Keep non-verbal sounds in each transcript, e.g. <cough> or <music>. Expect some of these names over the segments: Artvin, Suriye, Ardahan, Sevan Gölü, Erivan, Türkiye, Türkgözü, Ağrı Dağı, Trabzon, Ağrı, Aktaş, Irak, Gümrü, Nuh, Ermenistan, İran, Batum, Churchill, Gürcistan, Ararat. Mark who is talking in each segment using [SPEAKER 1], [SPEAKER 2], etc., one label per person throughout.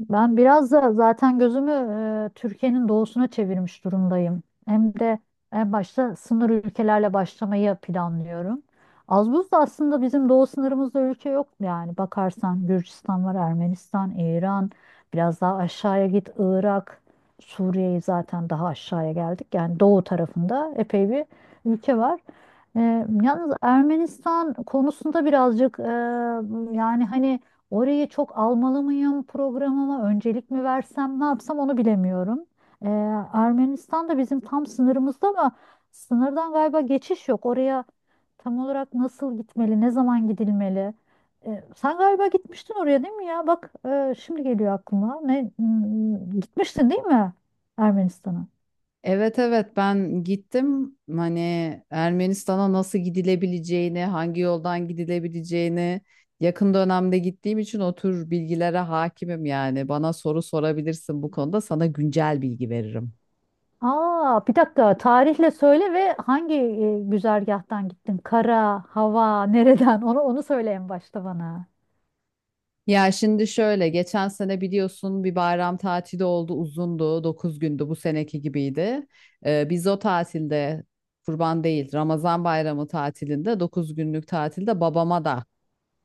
[SPEAKER 1] Ben biraz da zaten gözümü Türkiye'nin doğusuna çevirmiş durumdayım. Hem de en başta sınır ülkelerle başlamayı planlıyorum. Az buz da aslında bizim doğu sınırımızda ülke yok yani. Bakarsan Gürcistan var, Ermenistan, İran, biraz daha aşağıya git Irak, Suriye'yi zaten daha aşağıya geldik. Yani doğu tarafında epey bir ülke var. E, Yalnız Ermenistan konusunda birazcık yani hani orayı çok almalı mıyım, programıma öncelik mi versem, ne yapsam onu bilemiyorum. Ee, Ermenistan da bizim tam sınırımızda ama sınırdan galiba geçiş yok. Oraya tam olarak nasıl gitmeli, ne zaman gidilmeli? Sen galiba gitmiştin oraya, değil mi ya? Bak, şimdi geliyor aklıma. Ne gitmiştin değil mi Ermenistan'a?
[SPEAKER 2] Evet evet ben gittim hani Ermenistan'a nasıl gidilebileceğini, hangi yoldan gidilebileceğini yakın dönemde gittiğim için o tür bilgilere hakimim yani. Bana soru sorabilirsin, bu konuda sana güncel bilgi veririm.
[SPEAKER 1] Aa, bir dakika, tarihle söyle ve hangi güzergahtan gittin? Kara, hava, nereden? Onu söyle en başta bana.
[SPEAKER 2] Ya şimdi şöyle, geçen sene biliyorsun bir bayram tatili oldu, uzundu, 9 gündü, bu seneki gibiydi. Biz o tatilde, kurban değil Ramazan bayramı tatilinde, 9 günlük tatilde babama da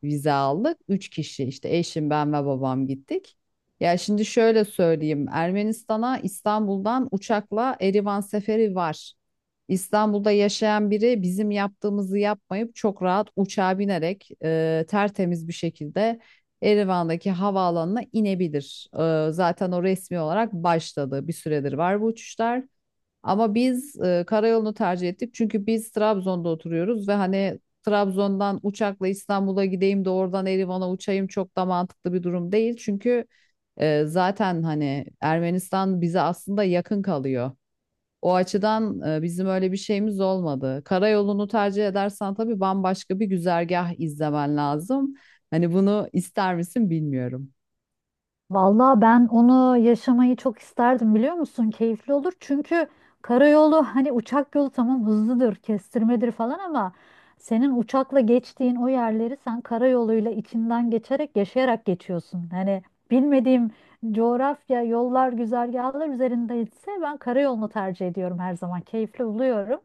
[SPEAKER 2] vize aldık. 3 kişi işte, eşim, ben ve babam gittik. Ya şimdi şöyle söyleyeyim. Ermenistan'a İstanbul'dan uçakla Erivan seferi var. İstanbul'da yaşayan biri bizim yaptığımızı yapmayıp çok rahat uçağa binerek tertemiz bir şekilde Erivan'daki havaalanına inebilir. Zaten o resmi olarak başladı. Bir süredir var bu uçuşlar. Ama biz karayolunu tercih ettik. Çünkü biz Trabzon'da oturuyoruz ve hani Trabzon'dan uçakla İstanbul'a gideyim de oradan Erivan'a uçayım, çok da mantıklı bir durum değil. Çünkü zaten hani Ermenistan bize aslında yakın kalıyor. O açıdan bizim öyle bir şeyimiz olmadı. Karayolunu tercih edersen tabii bambaşka bir güzergah izlemen lazım. Hani bunu ister misin bilmiyorum.
[SPEAKER 1] Vallahi ben onu yaşamayı çok isterdim, biliyor musun? Keyifli olur. Çünkü karayolu, hani uçak yolu tamam hızlıdır, kestirmedir falan, ama senin uçakla geçtiğin o yerleri sen karayoluyla içinden geçerek, yaşayarak geçiyorsun. Hani bilmediğim coğrafya, yollar, güzergahlar üzerindeyse ben karayolunu tercih ediyorum her zaman. Keyifli buluyorum.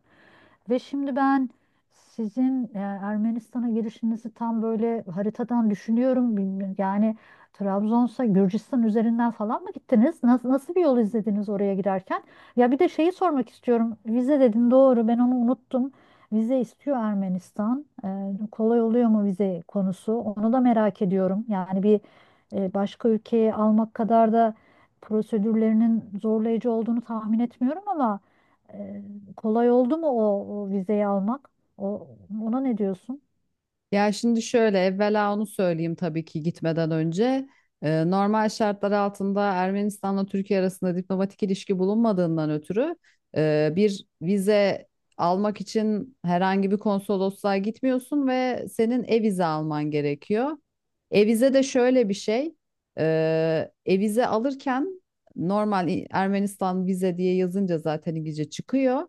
[SPEAKER 1] Ve şimdi ben sizin Ermenistan'a girişinizi tam böyle haritadan düşünüyorum. Bilmiyorum, yani Trabzon'sa Gürcistan üzerinden falan mı gittiniz? Nasıl bir yol izlediniz oraya girerken? Ya bir de şeyi sormak istiyorum. Vize dedin, doğru, ben onu unuttum. Vize istiyor Ermenistan. Kolay oluyor mu vize konusu? Onu da merak ediyorum. Yani bir başka ülkeye almak kadar da prosedürlerinin zorlayıcı olduğunu tahmin etmiyorum ama e, kolay oldu mu o vizeyi almak? O, Ona ne diyorsun?
[SPEAKER 2] Ya şimdi şöyle, evvela onu söyleyeyim, tabii ki gitmeden önce. Normal şartlar altında Ermenistan'la Türkiye arasında diplomatik ilişki bulunmadığından ötürü bir vize almak için herhangi bir konsolosluğa gitmiyorsun ve senin e-vize alman gerekiyor. E-vize de şöyle bir şey. E, E-vize alırken normal Ermenistan vize diye yazınca zaten İngilizce çıkıyor,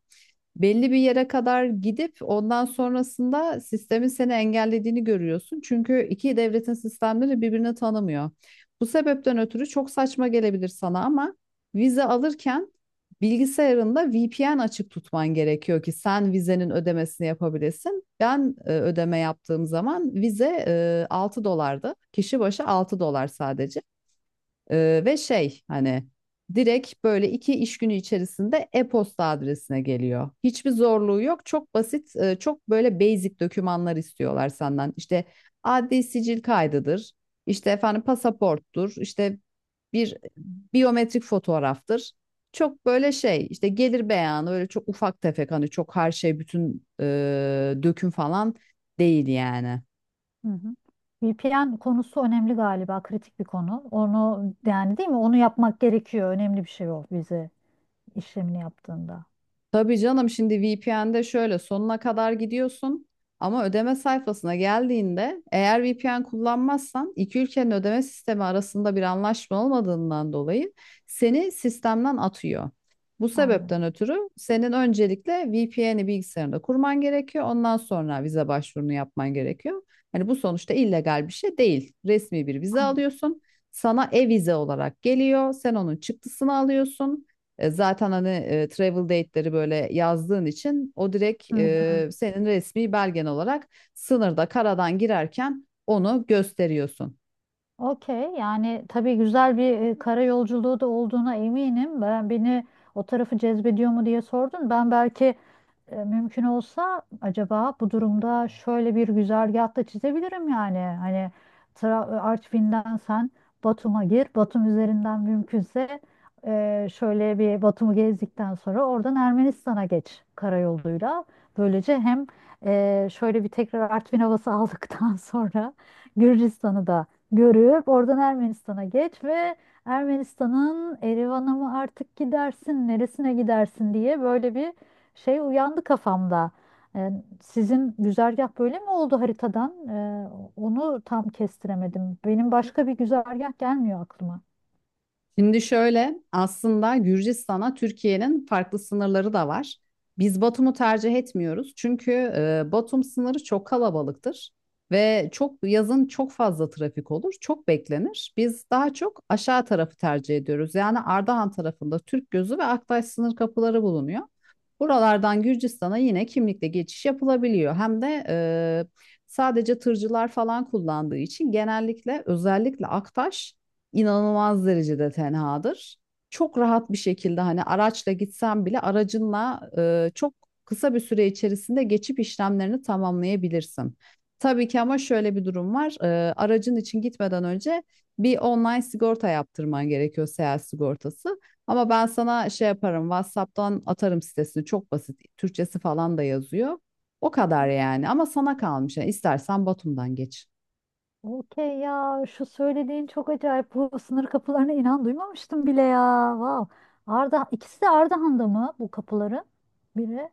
[SPEAKER 2] belli bir yere kadar gidip ondan sonrasında sistemin seni engellediğini görüyorsun. Çünkü iki devletin sistemleri birbirini tanımıyor. Bu sebepten ötürü çok saçma gelebilir sana ama vize alırken bilgisayarında VPN açık tutman gerekiyor ki sen vizenin ödemesini yapabilesin. Ben ödeme yaptığım zaman vize 6 dolardı. Kişi başı $6 sadece. Ve şey hani, direkt böyle 2 iş günü içerisinde e-posta adresine geliyor. Hiçbir zorluğu yok. Çok basit, çok böyle basic dokümanlar istiyorlar senden. İşte adli sicil kaydıdır, işte efendim pasaporttur, işte bir biyometrik fotoğraftır. Çok böyle şey işte, gelir beyanı, öyle çok ufak tefek, hani çok her şey bütün döküm falan değil yani.
[SPEAKER 1] Hı hı. VPN konusu önemli galiba, kritik bir konu. Onu yani, değil mi? Onu yapmak gerekiyor. Önemli bir şey o vize işlemini yaptığında.
[SPEAKER 2] Tabii canım, şimdi VPN'de şöyle sonuna kadar gidiyorsun ama ödeme sayfasına geldiğinde eğer VPN kullanmazsan iki ülkenin ödeme sistemi arasında bir anlaşma olmadığından dolayı seni sistemden atıyor. Bu
[SPEAKER 1] Anladım.
[SPEAKER 2] sebepten ötürü senin öncelikle VPN'i bilgisayarında kurman gerekiyor. Ondan sonra vize başvurunu yapman gerekiyor. Hani bu sonuçta illegal bir şey değil. Resmi bir vize
[SPEAKER 1] Anladım.
[SPEAKER 2] alıyorsun. Sana e-vize olarak geliyor. Sen onun çıktısını alıyorsun. Zaten hani travel date'leri böyle yazdığın için o direkt
[SPEAKER 1] Hı. O,
[SPEAKER 2] senin resmi belgen olarak sınırda karadan girerken onu gösteriyorsun.
[SPEAKER 1] okey, yani tabii güzel bir kara yolculuğu da olduğuna eminim. Ben, beni o tarafı cezbediyor mu diye sordun. Ben belki, mümkün olsa, acaba bu durumda şöyle bir güzergah da çizebilirim yani. Hani Artvin'den sen Batum'a gir. Batum üzerinden mümkünse, şöyle bir Batum'u gezdikten sonra oradan Ermenistan'a geç karayoluyla. Böylece hem şöyle bir tekrar Artvin havası <laughs> aldıktan sonra Gürcistan'ı da görüp oradan Ermenistan'a geç, ve Ermenistan'ın Erivan'a mı artık gidersin, neresine gidersin diye böyle bir şey uyandı kafamda. Ee, Sizin güzergah böyle mi oldu haritadan? Onu tam kestiremedim. Benim başka bir güzergah gelmiyor aklıma.
[SPEAKER 2] Şimdi şöyle, aslında Gürcistan'a Türkiye'nin farklı sınırları da var. Biz Batum'u tercih etmiyoruz, çünkü Batum sınırı çok kalabalıktır ve çok yazın çok fazla trafik olur, çok beklenir. Biz daha çok aşağı tarafı tercih ediyoruz. Yani Ardahan tarafında Türkgözü ve Aktaş sınır kapıları bulunuyor. Buralardan Gürcistan'a yine kimlikle geçiş yapılabiliyor. Hem de sadece tırcılar falan kullandığı için, genellikle özellikle Aktaş inanılmaz derecede tenhadır. Çok rahat bir şekilde hani araçla gitsen bile aracınla çok kısa bir süre içerisinde geçip işlemlerini tamamlayabilirsin. Tabii ki, ama şöyle bir durum var. E, aracın için gitmeden önce bir online sigorta yaptırman gerekiyor, seyahat sigortası. Ama ben sana şey yaparım, WhatsApp'tan atarım sitesini. Çok basit. Türkçesi falan da yazıyor. O kadar yani. Ama sana kalmış. Yani istersen Batum'dan geç.
[SPEAKER 1] Okey, ya şu söylediğin çok acayip. Bu sınır kapılarına inan duymamıştım bile ya. Wow. Arda, ikisi de Ardahan'da mı bu kapıların? Biri.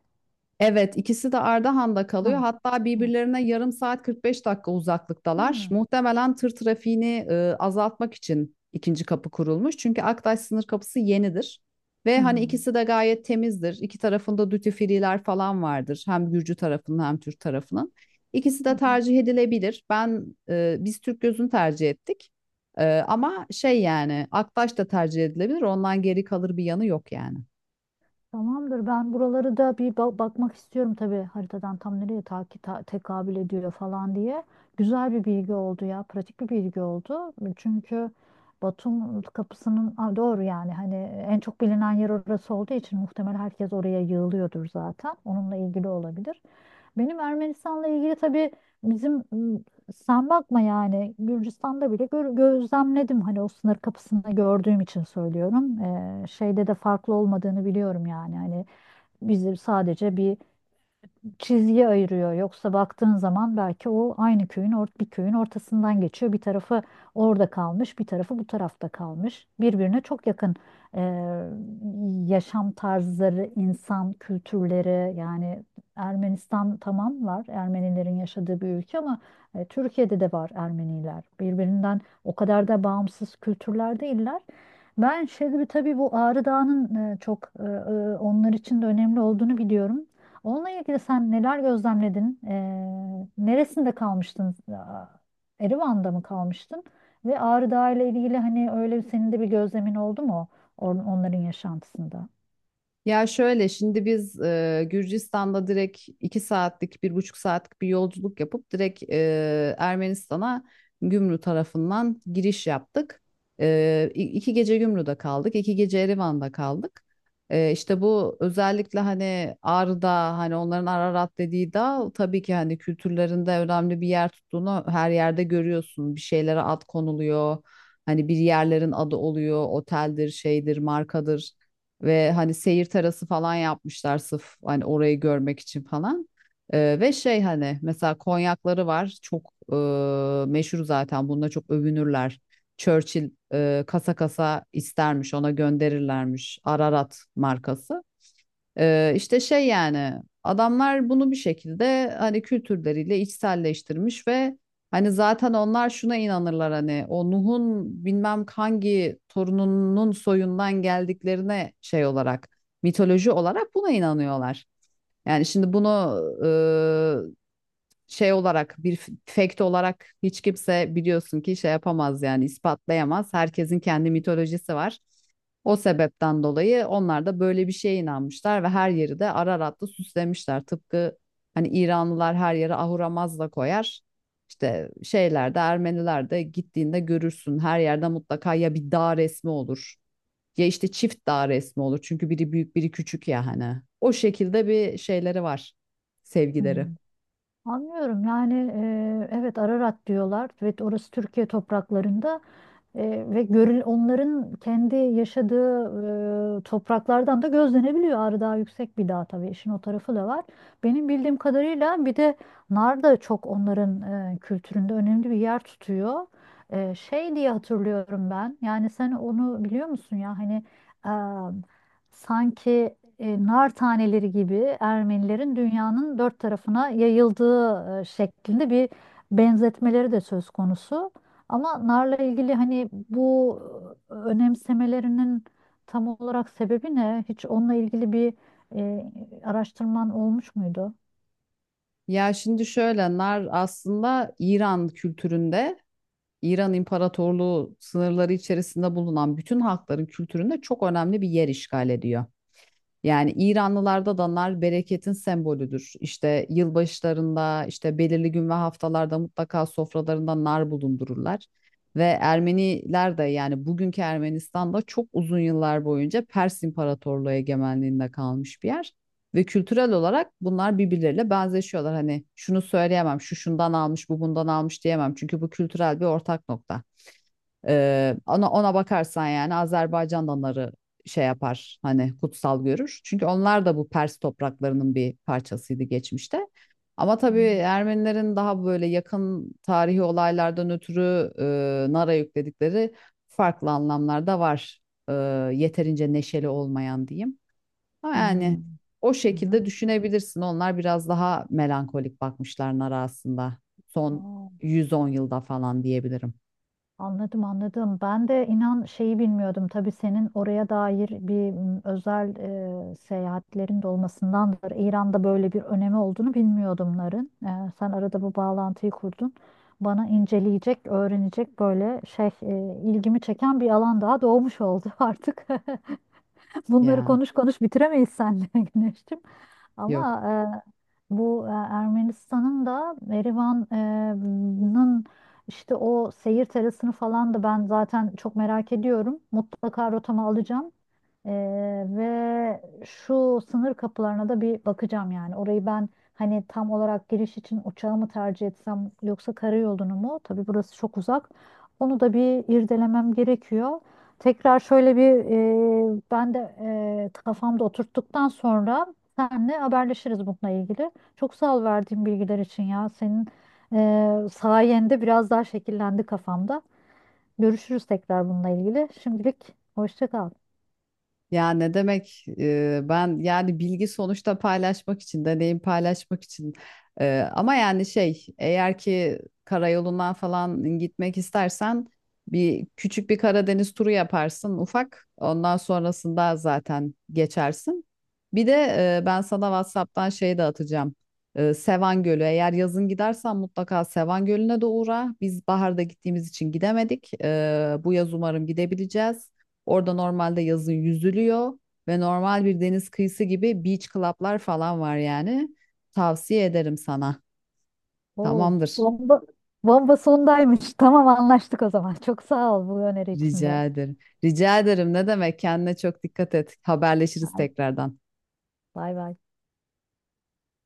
[SPEAKER 2] Evet, ikisi de Ardahan'da
[SPEAKER 1] Ha,
[SPEAKER 2] kalıyor. Hatta
[SPEAKER 1] tamam.
[SPEAKER 2] birbirlerine yarım saat 45 dakika uzaklıktalar.
[SPEAKER 1] Hmm.
[SPEAKER 2] Muhtemelen tır trafiğini azaltmak için ikinci kapı kurulmuş. Çünkü Aktaş sınır kapısı yenidir. Ve hani
[SPEAKER 1] Hmm.
[SPEAKER 2] ikisi de gayet temizdir. İki tarafında duty free'ler falan vardır. Hem Gürcü tarafının hem Türk tarafının. İkisi
[SPEAKER 1] Hı
[SPEAKER 2] de
[SPEAKER 1] hı.
[SPEAKER 2] tercih edilebilir. Biz Türk gözünü tercih ettik. E, ama şey yani Aktaş da tercih edilebilir. Ondan geri kalır bir yanı yok yani.
[SPEAKER 1] Tamamdır. Ben buraları da bir bakmak istiyorum tabii haritadan, tam nereye takip tekabül ediyor falan diye. Güzel bir bilgi oldu ya. Pratik bir bilgi oldu. Çünkü Batum kapısının, aa, doğru, yani hani en çok bilinen yer orası olduğu için muhtemel herkes oraya yığılıyordur zaten. Onunla ilgili olabilir. Benim Ermenistan'la ilgili tabii, bizim sen bakma, yani Gürcistan'da bile gözlemledim, hani o sınır kapısında gördüğüm için söylüyorum. Şeyde de farklı olmadığını biliyorum, yani hani bizim sadece bir çizgi ayırıyor. Yoksa baktığın zaman belki o aynı köyün bir köyün ortasından geçiyor. Bir tarafı orada kalmış, bir tarafı bu tarafta kalmış. Birbirine çok yakın e, yaşam tarzları, insan kültürleri. Yani Ermenistan tamam var, Ermenilerin yaşadığı bir ülke, ama Türkiye'de de var Ermeniler. Birbirinden o kadar da bağımsız kültürler değiller. Ben şimdi tabii bu Ağrı Dağı'nın çok onlar için de önemli olduğunu biliyorum. Onunla ilgili sen neler gözlemledin? Neresinde kalmıştın? Aa, Erivan'da mı kalmıştın? Ve Ağrı Dağı ile ilgili hani öyle senin de bir gözlemin oldu mu onların yaşantısında?
[SPEAKER 2] Ya şöyle, şimdi biz Gürcistan'da direkt 2 saatlik bir buçuk saatlik bir yolculuk yapıp direkt Ermenistan'a Gümrü tarafından giriş yaptık. 2 gece Gümrü'de kaldık, 2 gece Erivan'da kaldık. İşte bu, özellikle hani Ağrı'da, hani onların Ararat dediği dağ, tabii ki hani kültürlerinde önemli bir yer tuttuğunu her yerde görüyorsun. Bir şeylere ad konuluyor. Hani bir yerlerin adı oluyor, oteldir, şeydir, markadır. Ve hani seyir terası falan yapmışlar sırf hani orayı görmek için falan. Ve şey hani, mesela konyakları var, çok meşhur, zaten bununla çok övünürler. Churchill kasa kasa istermiş, ona gönderirlermiş Ararat markası. İşte şey yani, adamlar bunu bir şekilde hani kültürleriyle içselleştirmiş ve hani zaten onlar şuna inanırlar, hani o Nuh'un bilmem hangi torununun soyundan geldiklerine şey olarak, mitoloji olarak buna inanıyorlar. Yani şimdi bunu şey olarak bir fact olarak hiç kimse, biliyorsun ki, şey yapamaz yani, ispatlayamaz. Herkesin kendi mitolojisi var. O sebepten dolayı onlar da böyle bir şeye inanmışlar ve her yeri de Ararat'la süslemişler. Tıpkı hani İranlılar her yere ahuramazla koyar. İşte şeyler de, Ermeniler de, gittiğinde görürsün. Her yerde mutlaka ya bir dağ resmi olur ya işte çift dağ resmi olur. Çünkü biri büyük biri küçük ya hani. O şekilde bir şeyleri var,
[SPEAKER 1] Hmm.
[SPEAKER 2] sevgileri.
[SPEAKER 1] Anlıyorum, yani evet, Ararat diyorlar ve orası Türkiye topraklarında. Ve onların kendi yaşadığı topraklardan da gözlenebiliyor. Ağrı Dağı yüksek bir dağ tabii, işin o tarafı da var. Benim bildiğim kadarıyla bir de nar da çok onların kültüründe önemli bir yer tutuyor. Şey diye hatırlıyorum ben. Yani sen onu biliyor musun ya, hani e, sanki nar taneleri gibi Ermenilerin dünyanın dört tarafına yayıldığı şeklinde bir benzetmeleri de söz konusu. Ama narla ilgili hani bu önemsemelerinin tam olarak sebebi ne? Hiç onunla ilgili bir e, araştırman olmuş muydu?
[SPEAKER 2] Ya şimdi şöyle, nar aslında İran kültüründe, İran İmparatorluğu sınırları içerisinde bulunan bütün halkların kültüründe çok önemli bir yer işgal ediyor. Yani İranlılarda da bereketin sembolüdür. İşte yılbaşlarında, işte belirli gün ve haftalarda mutlaka sofralarında nar bulundururlar. Ve Ermeniler de, yani bugünkü Ermenistan'da, çok uzun yıllar boyunca Pers İmparatorluğu egemenliğinde kalmış bir yer. Ve kültürel olarak bunlar birbirleriyle benzeşiyorlar. Hani şunu söyleyemem, şu şundan almış, bu bundan almış diyemem. Çünkü bu kültürel bir ortak nokta. Ona bakarsan yani Azerbaycan da onları şey yapar, hani kutsal görür. Çünkü onlar da bu Pers topraklarının bir parçasıydı geçmişte. Ama tabii
[SPEAKER 1] Hmm.
[SPEAKER 2] Ermenilerin daha böyle yakın tarihi olaylardan ötürü nara yükledikleri farklı anlamlar da var. E, yeterince neşeli olmayan diyeyim. Ama yani
[SPEAKER 1] Hmm.
[SPEAKER 2] o
[SPEAKER 1] Hı
[SPEAKER 2] şekilde düşünebilirsin. Onlar biraz daha melankolik bakmışlar nara aslında. Son
[SPEAKER 1] hı.
[SPEAKER 2] 110 yılda falan diyebilirim.
[SPEAKER 1] Anladım, anladım. Ben de inan şeyi bilmiyordum. Tabii senin oraya dair bir özel seyahatlerin de olmasındandır. İran'da böyle bir önemi olduğunu bilmiyordum narın. Sen arada bu bağlantıyı kurdun. Bana inceleyecek, öğrenecek, böyle şey, ilgimi çeken bir alan daha doğmuş oldu <laughs> artık. <laughs> Bunları
[SPEAKER 2] Ya
[SPEAKER 1] konuş konuş bitiremeyiz seninle <laughs> Güneş'cim. Ama
[SPEAKER 2] yok.
[SPEAKER 1] bu, Ermenistan'ın da, Erivan'ın işte o seyir terasını falan da ben zaten çok merak ediyorum. Mutlaka rotama alacağım. Ve şu sınır kapılarına da bir bakacağım yani. Orayı ben hani tam olarak giriş için uçağı mı tercih etsem yoksa karayolunu mu? Tabii burası çok uzak. Onu da bir irdelemem gerekiyor. Tekrar şöyle bir, ben de kafamda oturttuktan sonra senle haberleşiriz bununla ilgili. Çok sağ ol verdiğin bilgiler için ya. Senin sayende biraz daha şekillendi kafamda. Görüşürüz tekrar bununla ilgili. Şimdilik hoşça kal.
[SPEAKER 2] Ya ne demek, ben yani bilgi sonuçta paylaşmak için, deneyim paylaşmak için. Ama yani şey, eğer ki karayolundan falan gitmek istersen bir küçük bir Karadeniz turu yaparsın ufak, ondan sonrasında zaten geçersin. Bir de ben sana WhatsApp'tan şey de atacağım. E, Sevan Gölü, eğer yazın gidersen mutlaka Sevan Gölü'ne de uğra, biz baharda gittiğimiz için gidemedik. E, bu yaz umarım gidebileceğiz. Orada normalde yazın yüzülüyor ve normal bir deniz kıyısı gibi beach club'lar falan var yani. Tavsiye ederim sana.
[SPEAKER 1] Oo,
[SPEAKER 2] Tamamdır.
[SPEAKER 1] bomba, bomba sondaymış. Tamam, anlaştık o zaman. Çok sağ ol bu öneri için de.
[SPEAKER 2] Rica ederim. Rica ederim. Ne demek? Kendine çok dikkat et. Haberleşiriz
[SPEAKER 1] Haydi,
[SPEAKER 2] tekrardan.
[SPEAKER 1] bay bay.